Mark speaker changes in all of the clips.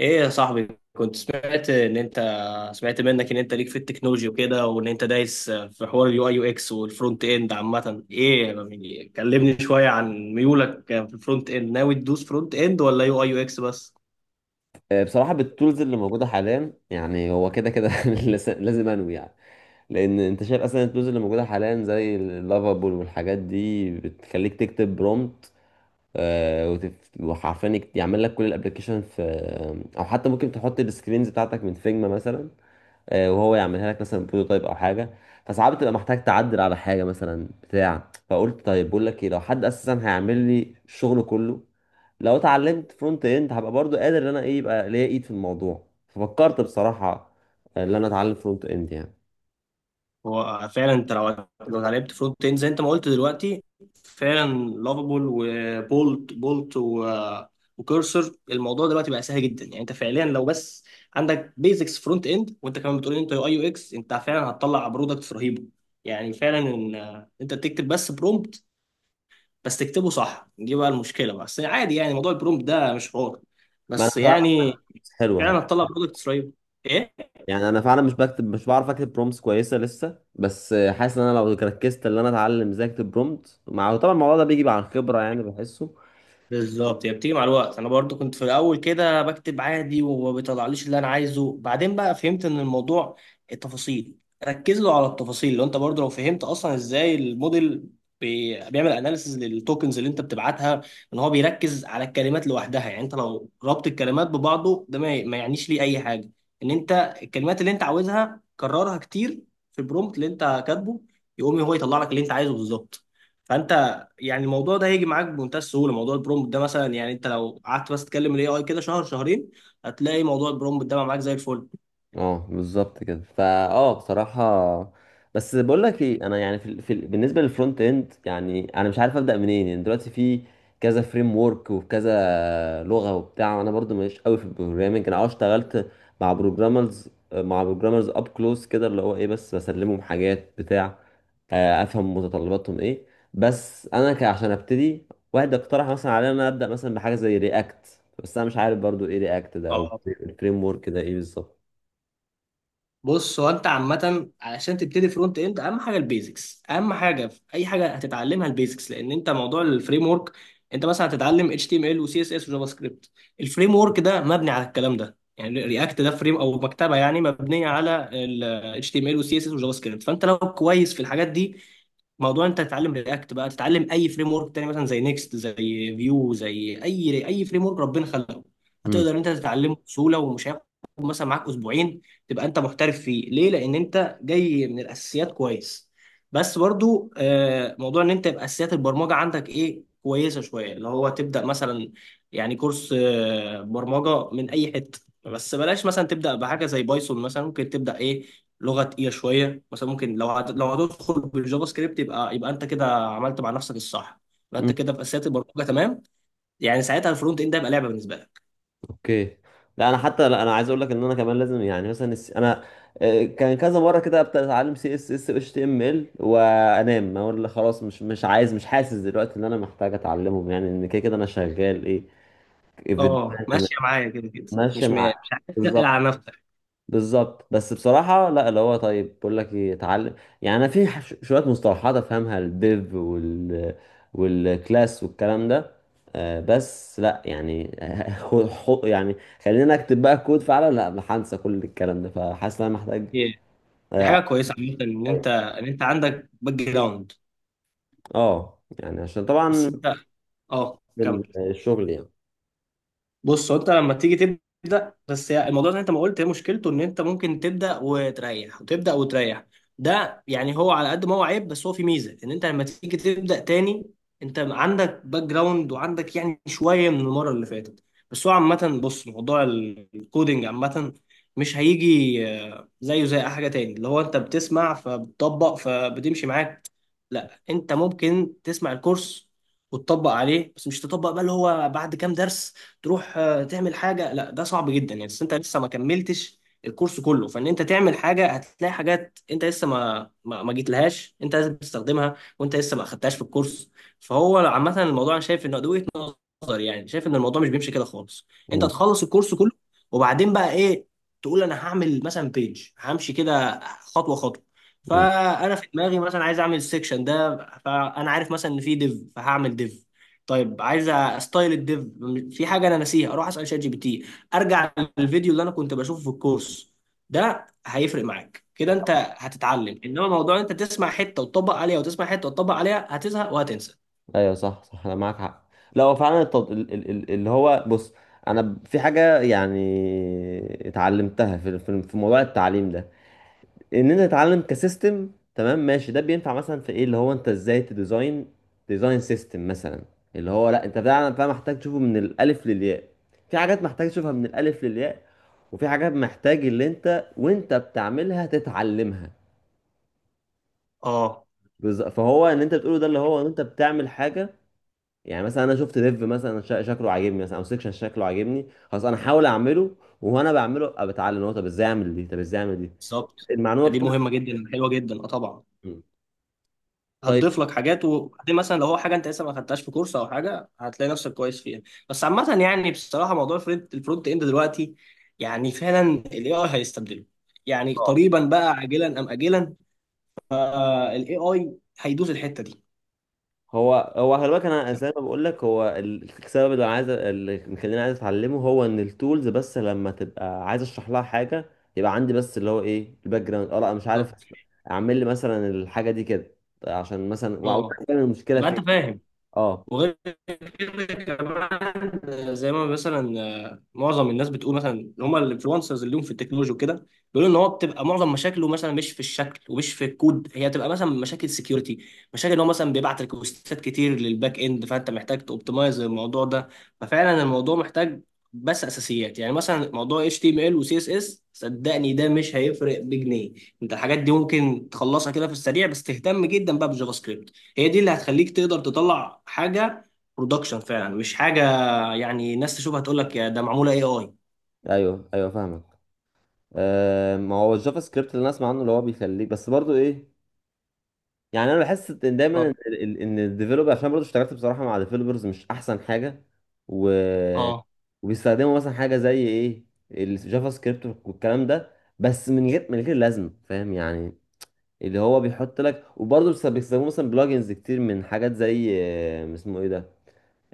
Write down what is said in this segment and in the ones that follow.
Speaker 1: ايه يا صاحبي، كنت سمعت ان انت، سمعت منك ان انت ليك في التكنولوجي وكده وان انت دايس في حوار اليو اي يو اكس والفرونت اند. عامة ايه يعني، كلمني شوية عن ميولك في الفرونت اند. ناوي تدوس فرونت اند ولا يو اي يو اكس بس؟
Speaker 2: بصراحة بالتولز اللي موجودة حاليا يعني هو كده كده لازم انوي يعني. لأن أنت شايف أصلا التولز اللي موجودة حاليا زي اللافابول والحاجات دي بتخليك تكتب برومت، وحرفيا يعمل لك كل الابلكيشن في، أو حتى ممكن تحط السكرينز بتاعتك من فيجما مثلا. وهو يعملها لك مثلا بروتوتايب او حاجه. فساعات بتبقى محتاج تعدل على حاجه مثلا بتاع، فقلت طيب بقول لك ايه، لو حد اساسا هيعمل لي الشغل كله، لو اتعلمت فرونت اند هبقى برضو قادر ان انا ايه، يبقى ليا ايد في الموضوع. ففكرت بصراحه ان انا اتعلم فرونت اند يعني.
Speaker 1: هو فعلا انت لو لعبت فرونت اند زي انت ما قلت دلوقتي، فعلا لافابول وبولت بولت وكورسر، الموضوع دلوقتي بقى سهل جدا. يعني انت فعليا لو بس عندك بيزكس فرونت اند وانت كمان بتقول ان انت يو اي يو اكس، انت فعلا هتطلع برودكت رهيبه. يعني فعلا ان انت تكتب بس برومبت، بس تكتبه صح، دي بقى المشكله بقى. بس عادي يعني، موضوع البرومبت ده مش حوار
Speaker 2: ما انا
Speaker 1: بس
Speaker 2: فعلا
Speaker 1: يعني.
Speaker 2: حاسس حلوه.
Speaker 1: فعلا هتطلع برودكت رهيب.
Speaker 2: يعني انا فعلا مش بعرف اكتب برومتس كويسه لسه، بس حاسس ان انا لو ركزت ان انا اتعلم ازاي اكتب برومت، مع طبعا الموضوع ده بيجي مع الخبره يعني بحسه.
Speaker 1: بالظبط، هي بتيجي مع الوقت. انا برضو كنت في الاول كده بكتب عادي وما بيطلعليش اللي انا عايزه، بعدين بقى فهمت ان الموضوع التفاصيل. ركز له على التفاصيل. لو انت برضو لو فهمت اصلا ازاي الموديل بيعمل اناليسز للتوكنز اللي انت بتبعتها، ان هو بيركز على الكلمات لوحدها. يعني انت لو ربط الكلمات ببعضه ده ما يعنيش ليه اي حاجه. ان انت الكلمات اللي انت عاوزها كررها كتير في البرومبت اللي انت كاتبه، يقوم هو يطلع لك اللي انت عايزه بالظبط. فانت يعني الموضوع ده هيجي معاك بمنتهى السهوله. موضوع البرومبت ده مثلا يعني انت لو قعدت بس تكلم الاي اي كده شهر شهرين، هتلاقي موضوع البرومبت ده بقى معاك زي الفل.
Speaker 2: اه بالظبط كده، فا بصراحة بس بقول لك ايه، انا يعني بالنسبة للفرونت اند يعني انا مش عارف ابدأ منين. يعني دلوقتي في كذا فريم ورك وكذا لغة وبتاع، وانا برضو ماليش قوي في البروجرامنج. انا اه اشتغلت مع بروجرامرز اب كلوز كده، اللي هو ايه، بس بسلمهم حاجات بتاع، افهم متطلباتهم ايه. بس انا عشان ابتدي، واحد اقترح مثلا عليا ان انا ابدأ مثلا بحاجة زي رياكت، بس انا مش عارف برضو ايه رياكت ده او
Speaker 1: اه،
Speaker 2: الفريم ورك ده ايه بالظبط.
Speaker 1: بص، هو انت عامه علشان تبتدي فرونت اند اهم حاجه البيزكس. اهم حاجه في اي حاجه هتتعلمها البيزكس، لان انت موضوع الفريم ورك، انت مثلا هتتعلم اتش تي ام ال وسي اس اس وجافا سكريبت. الفريم ورك ده مبني على الكلام ده، يعني رياكت ده فريم او مكتبه يعني مبنيه على ال HTML وال CSS وجافا سكريبت. فانت لو كويس في الحاجات دي، موضوع انت تتعلم رياكت بقى تتعلم اي فريم ورك تاني مثلا زي نيكست، زي فيو، زي اي اي فريم ورك ربنا خلقه، هتقدر انت تتعلمه بسهوله ومش هياخد مثلا معاك اسبوعين. تبقى انت محترف فيه. ليه؟ لان انت جاي من الاساسيات كويس. بس برضو موضوع ان انت يبقى اساسيات البرمجه عندك ايه كويسه شويه، اللي هو تبدا مثلا يعني كورس برمجه من اي حته. بس بلاش مثلا تبدا بحاجه زي بايثون، مثلا ممكن تبدا ايه لغه تقيله شويه. مثلا ممكن لو لو هتدخل بالجافا سكريبت، يبقى انت كده عملت مع نفسك الصح. يبقى انت
Speaker 2: مم.
Speaker 1: كده في اساسيات البرمجه تمام. يعني ساعتها الفرونت اند ده يبقى لعبه بالنسبه لك.
Speaker 2: اوكي. لا انا حتى، لا انا عايز اقول لك ان انا كمان لازم، يعني مثلا انا كان كذا مره كده ابدا اتعلم سي اس اس اتش تي ام ال، وانام اقول لك خلاص مش مش عايز، مش حاسس دلوقتي ان انا محتاج اتعلمهم، يعني ان كده كده انا شغال ايه،
Speaker 1: اه،
Speaker 2: فيديوهات تمام،
Speaker 1: ماشيه معايا كده كده.
Speaker 2: ماشي
Speaker 1: مش م...
Speaker 2: مع
Speaker 1: مش عايز تقل
Speaker 2: بالظبط
Speaker 1: على نفسك.
Speaker 2: بالظبط. بس بصراحة لا اللي هو، طيب بقول لك ايه اتعلم، يعني انا في شوية مصطلحات افهمها، الديف وال والكلاس والكلام ده بس لا يعني يعني خلينا اكتب بقى كود فعلا لا هنسى كل الكلام ده. فحاسس ان انا محتاج
Speaker 1: إيه. دي حاجه
Speaker 2: اه.
Speaker 1: كويسه عامه ان انت، ان انت عندك باك جراوند.
Speaker 2: يعني عشان
Speaker 1: بس
Speaker 2: طبعا
Speaker 1: انت، اه كمل.
Speaker 2: الشغل يعني.
Speaker 1: بص، هو انت لما تيجي تبدا، بس هي الموضوع اللي انت ما قلت هي مشكلته، ان انت ممكن تبدا وتريح وتبدا وتريح. ده يعني هو على قد ما هو عيب، بس هو في ميزه، ان انت لما تيجي تبدا تاني، انت عندك باك جراوند وعندك يعني شويه من المره اللي فاتت. بس هو عامه، بص، موضوع الكودينج عامه مش هيجي زيه زي اي حاجه تاني اللي هو انت بتسمع فبتطبق فبتمشي معاك. لا، انت ممكن تسمع الكورس وتطبق عليه، بس مش تطبق بقى اللي هو بعد كام درس تروح تعمل حاجه. لا، ده صعب جدا يعني. بس انت لسه ما كملتش الكورس كله، فان انت تعمل حاجه هتلاقي حاجات انت لسه ما جيت لهاش، انت لازم تستخدمها وانت لسه ما اخدتهاش في الكورس. فهو عامه الموضوع انا شايف انه ادويه نظري. يعني شايف ان الموضوع مش بيمشي كده خالص. انت
Speaker 2: مم.
Speaker 1: تخلص الكورس كله وبعدين بقى ايه تقول انا هعمل مثلا بيج، همشي كده خطوه خطوه. فانا في دماغي مثلا عايز اعمل السكشن ده، فانا عارف مثلا ان في ديف فهعمل ديف. طيب، عايز استايل الديف، في حاجه انا ناسيها، اروح اسال شات جي بي تي. ارجع للفيديو اللي انا كنت بشوفه في الكورس. ده هيفرق معاك كده. انت هتتعلم. انما موضوع انت تسمع حته وتطبق عليها، وتسمع حته وتطبق عليها، هتزهق وهتنسى.
Speaker 2: ايوه صح صح انا معاك حق. لا هو فعلا التط... ال- ال- ال- اللي هو بص، انا في حاجه يعني اتعلمتها في موضوع التعليم ده، ان انت تتعلم كسيستم. تمام ماشي، ده بينفع مثلا في ايه، اللي هو انت ازاي تديزاين ديزاين سيستم مثلا، اللي هو لا انت فعلا فعلا محتاج تشوفه من الالف للياء. في حاجات محتاج تشوفها من الالف للياء، وفي حاجات محتاج اللي انت وانت بتعملها تتعلمها.
Speaker 1: اه،
Speaker 2: فهو ان انت بتقوله ده اللي هو ان انت بتعمل حاجه، يعني مثلا انا شفت ديف مثلا شكله عاجبني، مثلا او سيكشن شكله عاجبني، خلاص انا هحاول اعمله، وانا بعمله ابقى بتعلم، هو طب ازاي اعمل دي، طب ازاي اعمل دي
Speaker 1: بالظبط.
Speaker 2: المعلومه
Speaker 1: دي
Speaker 2: بتاعتي.
Speaker 1: مهمه جدا، حلوه جدا. اه، طبعا
Speaker 2: طيب
Speaker 1: هتضيف لك حاجات. وبعدين مثلا لو هو حاجه انت لسه ما خدتهاش في كورس او حاجه، هتلاقي نفسك كويس فيها. بس عامه يعني بصراحه، موضوع الفرونت اند دلوقتي، يعني فعلا الاي اي هيستبدله. يعني
Speaker 2: آه.
Speaker 1: قريبا بقى، عاجلا ام اجلا الاي اي هيدوس الحته دي.
Speaker 2: هو هو خلي بالك، انا زي ما بقول لك، هو السبب اللي عايز اللي مخليني عايز اتعلمه، هو ان التولز بس لما تبقى عايز اشرح لها حاجه، يبقى عندي بس اللي هو ايه، الباك جراوند. اه لا مش عارف
Speaker 1: بالظبط،
Speaker 2: اعمل لي مثلا الحاجه دي كده، عشان مثلا وأعرف
Speaker 1: اه.
Speaker 2: فاهم المشكله
Speaker 1: يبقى
Speaker 2: فين.
Speaker 1: انت فاهم.
Speaker 2: اه.
Speaker 1: وغير كده كمان زي ما مثلا معظم الناس بتقول، مثلا اللي هم الانفلونسرز اللي هم في التكنولوجي وكده، بيقولوا ان هو بتبقى معظم مشاكله مثلا مش في الشكل ومش في الكود، هي بتبقى مثلا مشاكل سكيورتي، مشاكل ان هو مثلا بيبعت ريكوستات كتير للباك اند، فانت محتاج توبتمايز الموضوع ده. ففعلا الموضوع محتاج بس اساسيات. يعني مثلا موضوع اتش تي ام ال وسي اس اس، صدقني ده مش هيفرق بجنيه. انت الحاجات دي ممكن تخلصها كده في السريع، بس تهتم جدا بقى بالجافا سكريبت. هي دي اللي هتخليك تقدر تطلع حاجه برودكشن فعلا، مش حاجه يعني ناس تشوفها تقول لك يا ده معموله اي اي.
Speaker 2: ايوه ايوه فاهمك. ما هو الجافا سكريبت اللي انا اسمع عنه، اللي هو بيخليك بس برضو ايه، يعني انا بحس ان دايما
Speaker 1: اه،
Speaker 2: ان ان الديفلوبر، عشان برضو اشتغلت بصراحه مع ديفلوبرز مش احسن حاجه. و...
Speaker 1: اه.
Speaker 2: وبيستخدموا مثلا حاجه زي ايه، الجافا سكريبت والكلام ده، بس من غير لازمه، فاهم يعني، اللي هو بيحط لك، وبرضه بيستخدموا مثلا بلجنز كتير من حاجات زي اسمه ايه ده،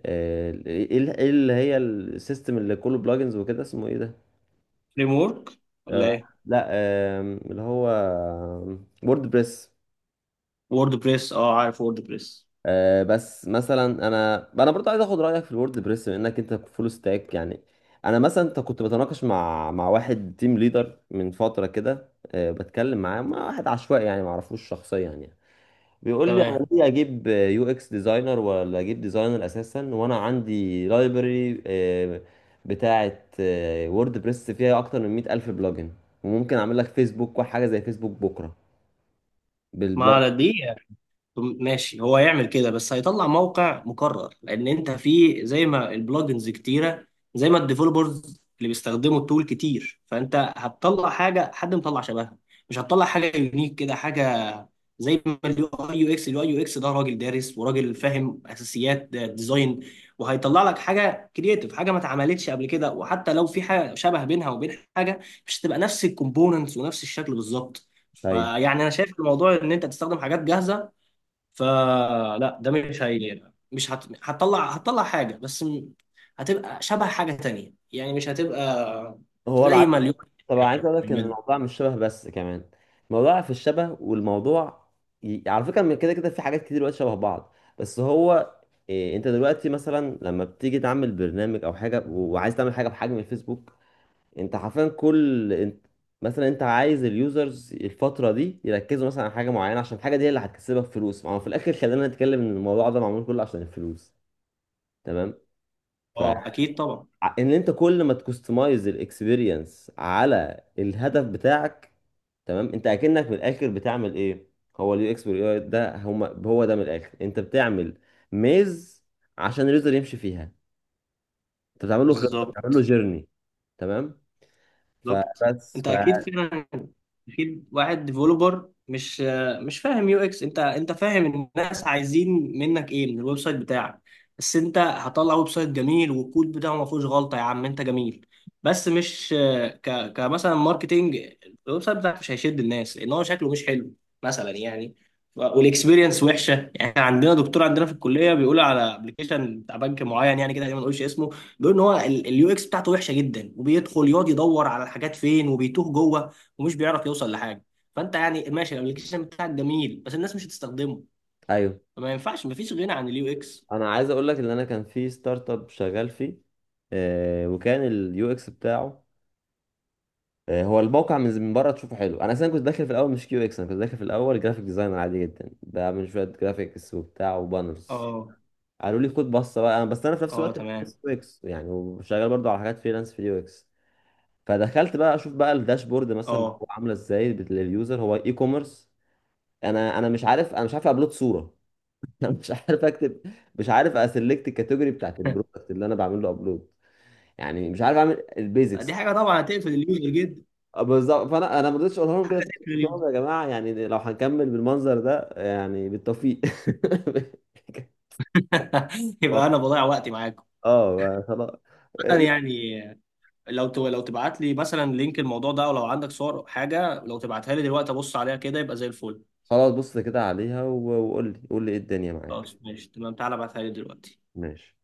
Speaker 2: آه، ايه إيه اللي هي السيستم اللي كله بلجنز وكده، اسمه ايه ده.
Speaker 1: فريم ورك ولا
Speaker 2: آه،
Speaker 1: ايه؟
Speaker 2: لا اللي هو وورد بريس.
Speaker 1: وورد بريس، اه عارف وورد بريس.
Speaker 2: بس مثلا انا انا برضو عايز اخد رايك في الوورد بريس، بما انك انت فول ستاك يعني. انا مثلا انت كنت بتناقش مع واحد تيم ليدر من فتره كده، بتكلم معاه مع واحد عشوائي يعني، ما اعرفوش شخصيا يعني، بيقول لي
Speaker 1: تمام.
Speaker 2: انا ليه اجيب يو اكس ديزاينر، ولا اجيب ديزاينر اساسا، وانا عندي لايبرري بتاعه وورد بريس فيها اكتر من 100 الف بلجن، وممكن اعمل لك فيسبوك وحاجه زي فيسبوك بكره
Speaker 1: ما
Speaker 2: بالبلاد.
Speaker 1: على دي، طب ماشي هو يعمل كده، بس هيطلع موقع مكرر، لان انت في زي ما البلجنز كتيره، زي ما الديفلوبرز اللي بيستخدموا التول كتير، فانت هتطلع حاجه حد مطلع شبهها، مش هتطلع حاجه يونيك كده. حاجه زي ما اليو اي يو اكس، اليو اي يو اكس ده راجل دارس وراجل فاهم اساسيات ديزاين، وهيطلع لك حاجه كرييتيف، حاجه ما اتعملتش قبل كده. وحتى لو في حاجه شبه بينها وبين حاجه، مش هتبقى نفس الكومبوننتس ونفس الشكل بالظبط.
Speaker 2: ايوه
Speaker 1: فيعني انا شايف الموضوع ان انت تستخدم حاجات جاهزه، فلا، ده مش هيليق، مش هت... هتطلع، هتطلع حاجة، هتبقى شبه حاجة تانية يعني، مش هتبقى
Speaker 2: هو
Speaker 1: زي ما
Speaker 2: العلاقه،
Speaker 1: اليوم
Speaker 2: طبعا عايز اقول لك ان
Speaker 1: بيعمله.
Speaker 2: الموضوع مش شبه بس كمان، الموضوع في الشبه والموضوع على فكره من كده كده في حاجات كتير دلوقتي شبه بعض. بس هو إيه، انت دلوقتي مثلا لما بتيجي تعمل برنامج او حاجه وعايز تعمل حاجه بحجم الفيسبوك، انت حرفيا كل انت مثلا، انت عايز اليوزرز الفتره دي يركزوا مثلا على حاجه معينه، عشان الحاجه دي هي اللي هتكسبك فلوس. ما هو في الاخر خلينا نتكلم ان الموضوع ده معمول كله عشان الفلوس، تمام،
Speaker 1: اه، اكيد طبعا.
Speaker 2: ان انت كل ما تكستمايز الاكسبيرينس على الهدف بتاعك. تمام، انت اكنك من الاخر بتعمل ايه، هو اليو اكس واليو اي ده هما، هو ده من الاخر انت بتعمل ميز عشان اليوزر يمشي فيها، انت بتعمل له خطه، بتعمل له
Speaker 1: بالظبط،
Speaker 2: جيرني، تمام.
Speaker 1: بالظبط.
Speaker 2: فبس
Speaker 1: انت
Speaker 2: ف،
Speaker 1: اكيد فعلا، اكيد واحد ديفلوبر مش، مش فاهم يو اكس. انت، انت فاهم الناس عايزين منك ايه من الويب سايت بتاعك. بس انت هطلع ويب سايت جميل والكود بتاعه ما فيهوش غلطه، يا عم انت جميل بس مش كمثلا ماركتينج. الويب سايت بتاعك مش هيشد الناس لان هو شكله مش حلو مثلا يعني، والاكسبيرينس وحشه. يعني عندنا دكتور عندنا في الكليه بيقول على ابلكيشن بتاع بنك معين، يعني كده ما نقولش اسمه، بيقول ان هو اليو اكس بتاعته وحشه جدا، وبيدخل يقعد يدور على الحاجات فين، وبيتوه جوه ومش بيعرف يوصل لحاجه. فانت يعني ماشي الابلكيشن بتاعك جميل، بس الناس مش هتستخدمه.
Speaker 2: ايوه
Speaker 1: فما ينفعش، مفيش غنى عن اليو اكس.
Speaker 2: انا عايز اقول لك ان انا كان في ستارت اب شغال فيه، آه وكان اليو اكس بتاعه هو الموقع من بره تشوفه حلو. انا اصلا كنت داخل في الاول مش كيو اكس، انا كنت داخل في الاول جرافيك ديزاينر عادي جدا، بعمل شويه جرافيكس وبتاع وبانرز،
Speaker 1: اه،
Speaker 2: قالوا لي خد بصه بقى. بس انا في نفس
Speaker 1: اه،
Speaker 2: الوقت
Speaker 1: تمام.
Speaker 2: بدرس يو اكس يعني، وشغال برضو على حاجات فريلانس في اليو اكس. فدخلت بقى اشوف بقى الداشبورد مثلا
Speaker 1: اه.
Speaker 2: هو عامله ازاي لليوزر، هو اي كوميرس. انا انا مش عارف، انا مش عارف ابلود صوره، انا مش عارف اكتب، مش عارف اسلكت الكاتيجوري بتاعت البرودكت اللي انا بعمل له ابلود، يعني مش عارف اعمل
Speaker 1: دي
Speaker 2: البيزكس.
Speaker 1: حاجه طبعا هتقفل اليوزر جدا.
Speaker 2: بالظبط، فانا ما رضيتش اقولها لهم كده،
Speaker 1: هتقفل
Speaker 2: قلت لهم
Speaker 1: اليوزر.
Speaker 2: يا جماعه يعني لو هنكمل بالمنظر ده يعني بالتوفيق.
Speaker 1: يبقى انا بضيع وقتي معاكم.
Speaker 2: اه خلاص.
Speaker 1: أنا يعني لو لو تبعت لي مثلا لينك الموضوع ده، او لو عندك صور أو حاجه، لو تبعتها لي دلوقتي ابص عليها كده، يبقى زي الفل.
Speaker 2: خلاص بص كده عليها وقول لي قول لي ايه الدنيا معاك.
Speaker 1: خلاص ماشي، تمام، تعالى ابعتها لي دلوقتي.
Speaker 2: ماشي.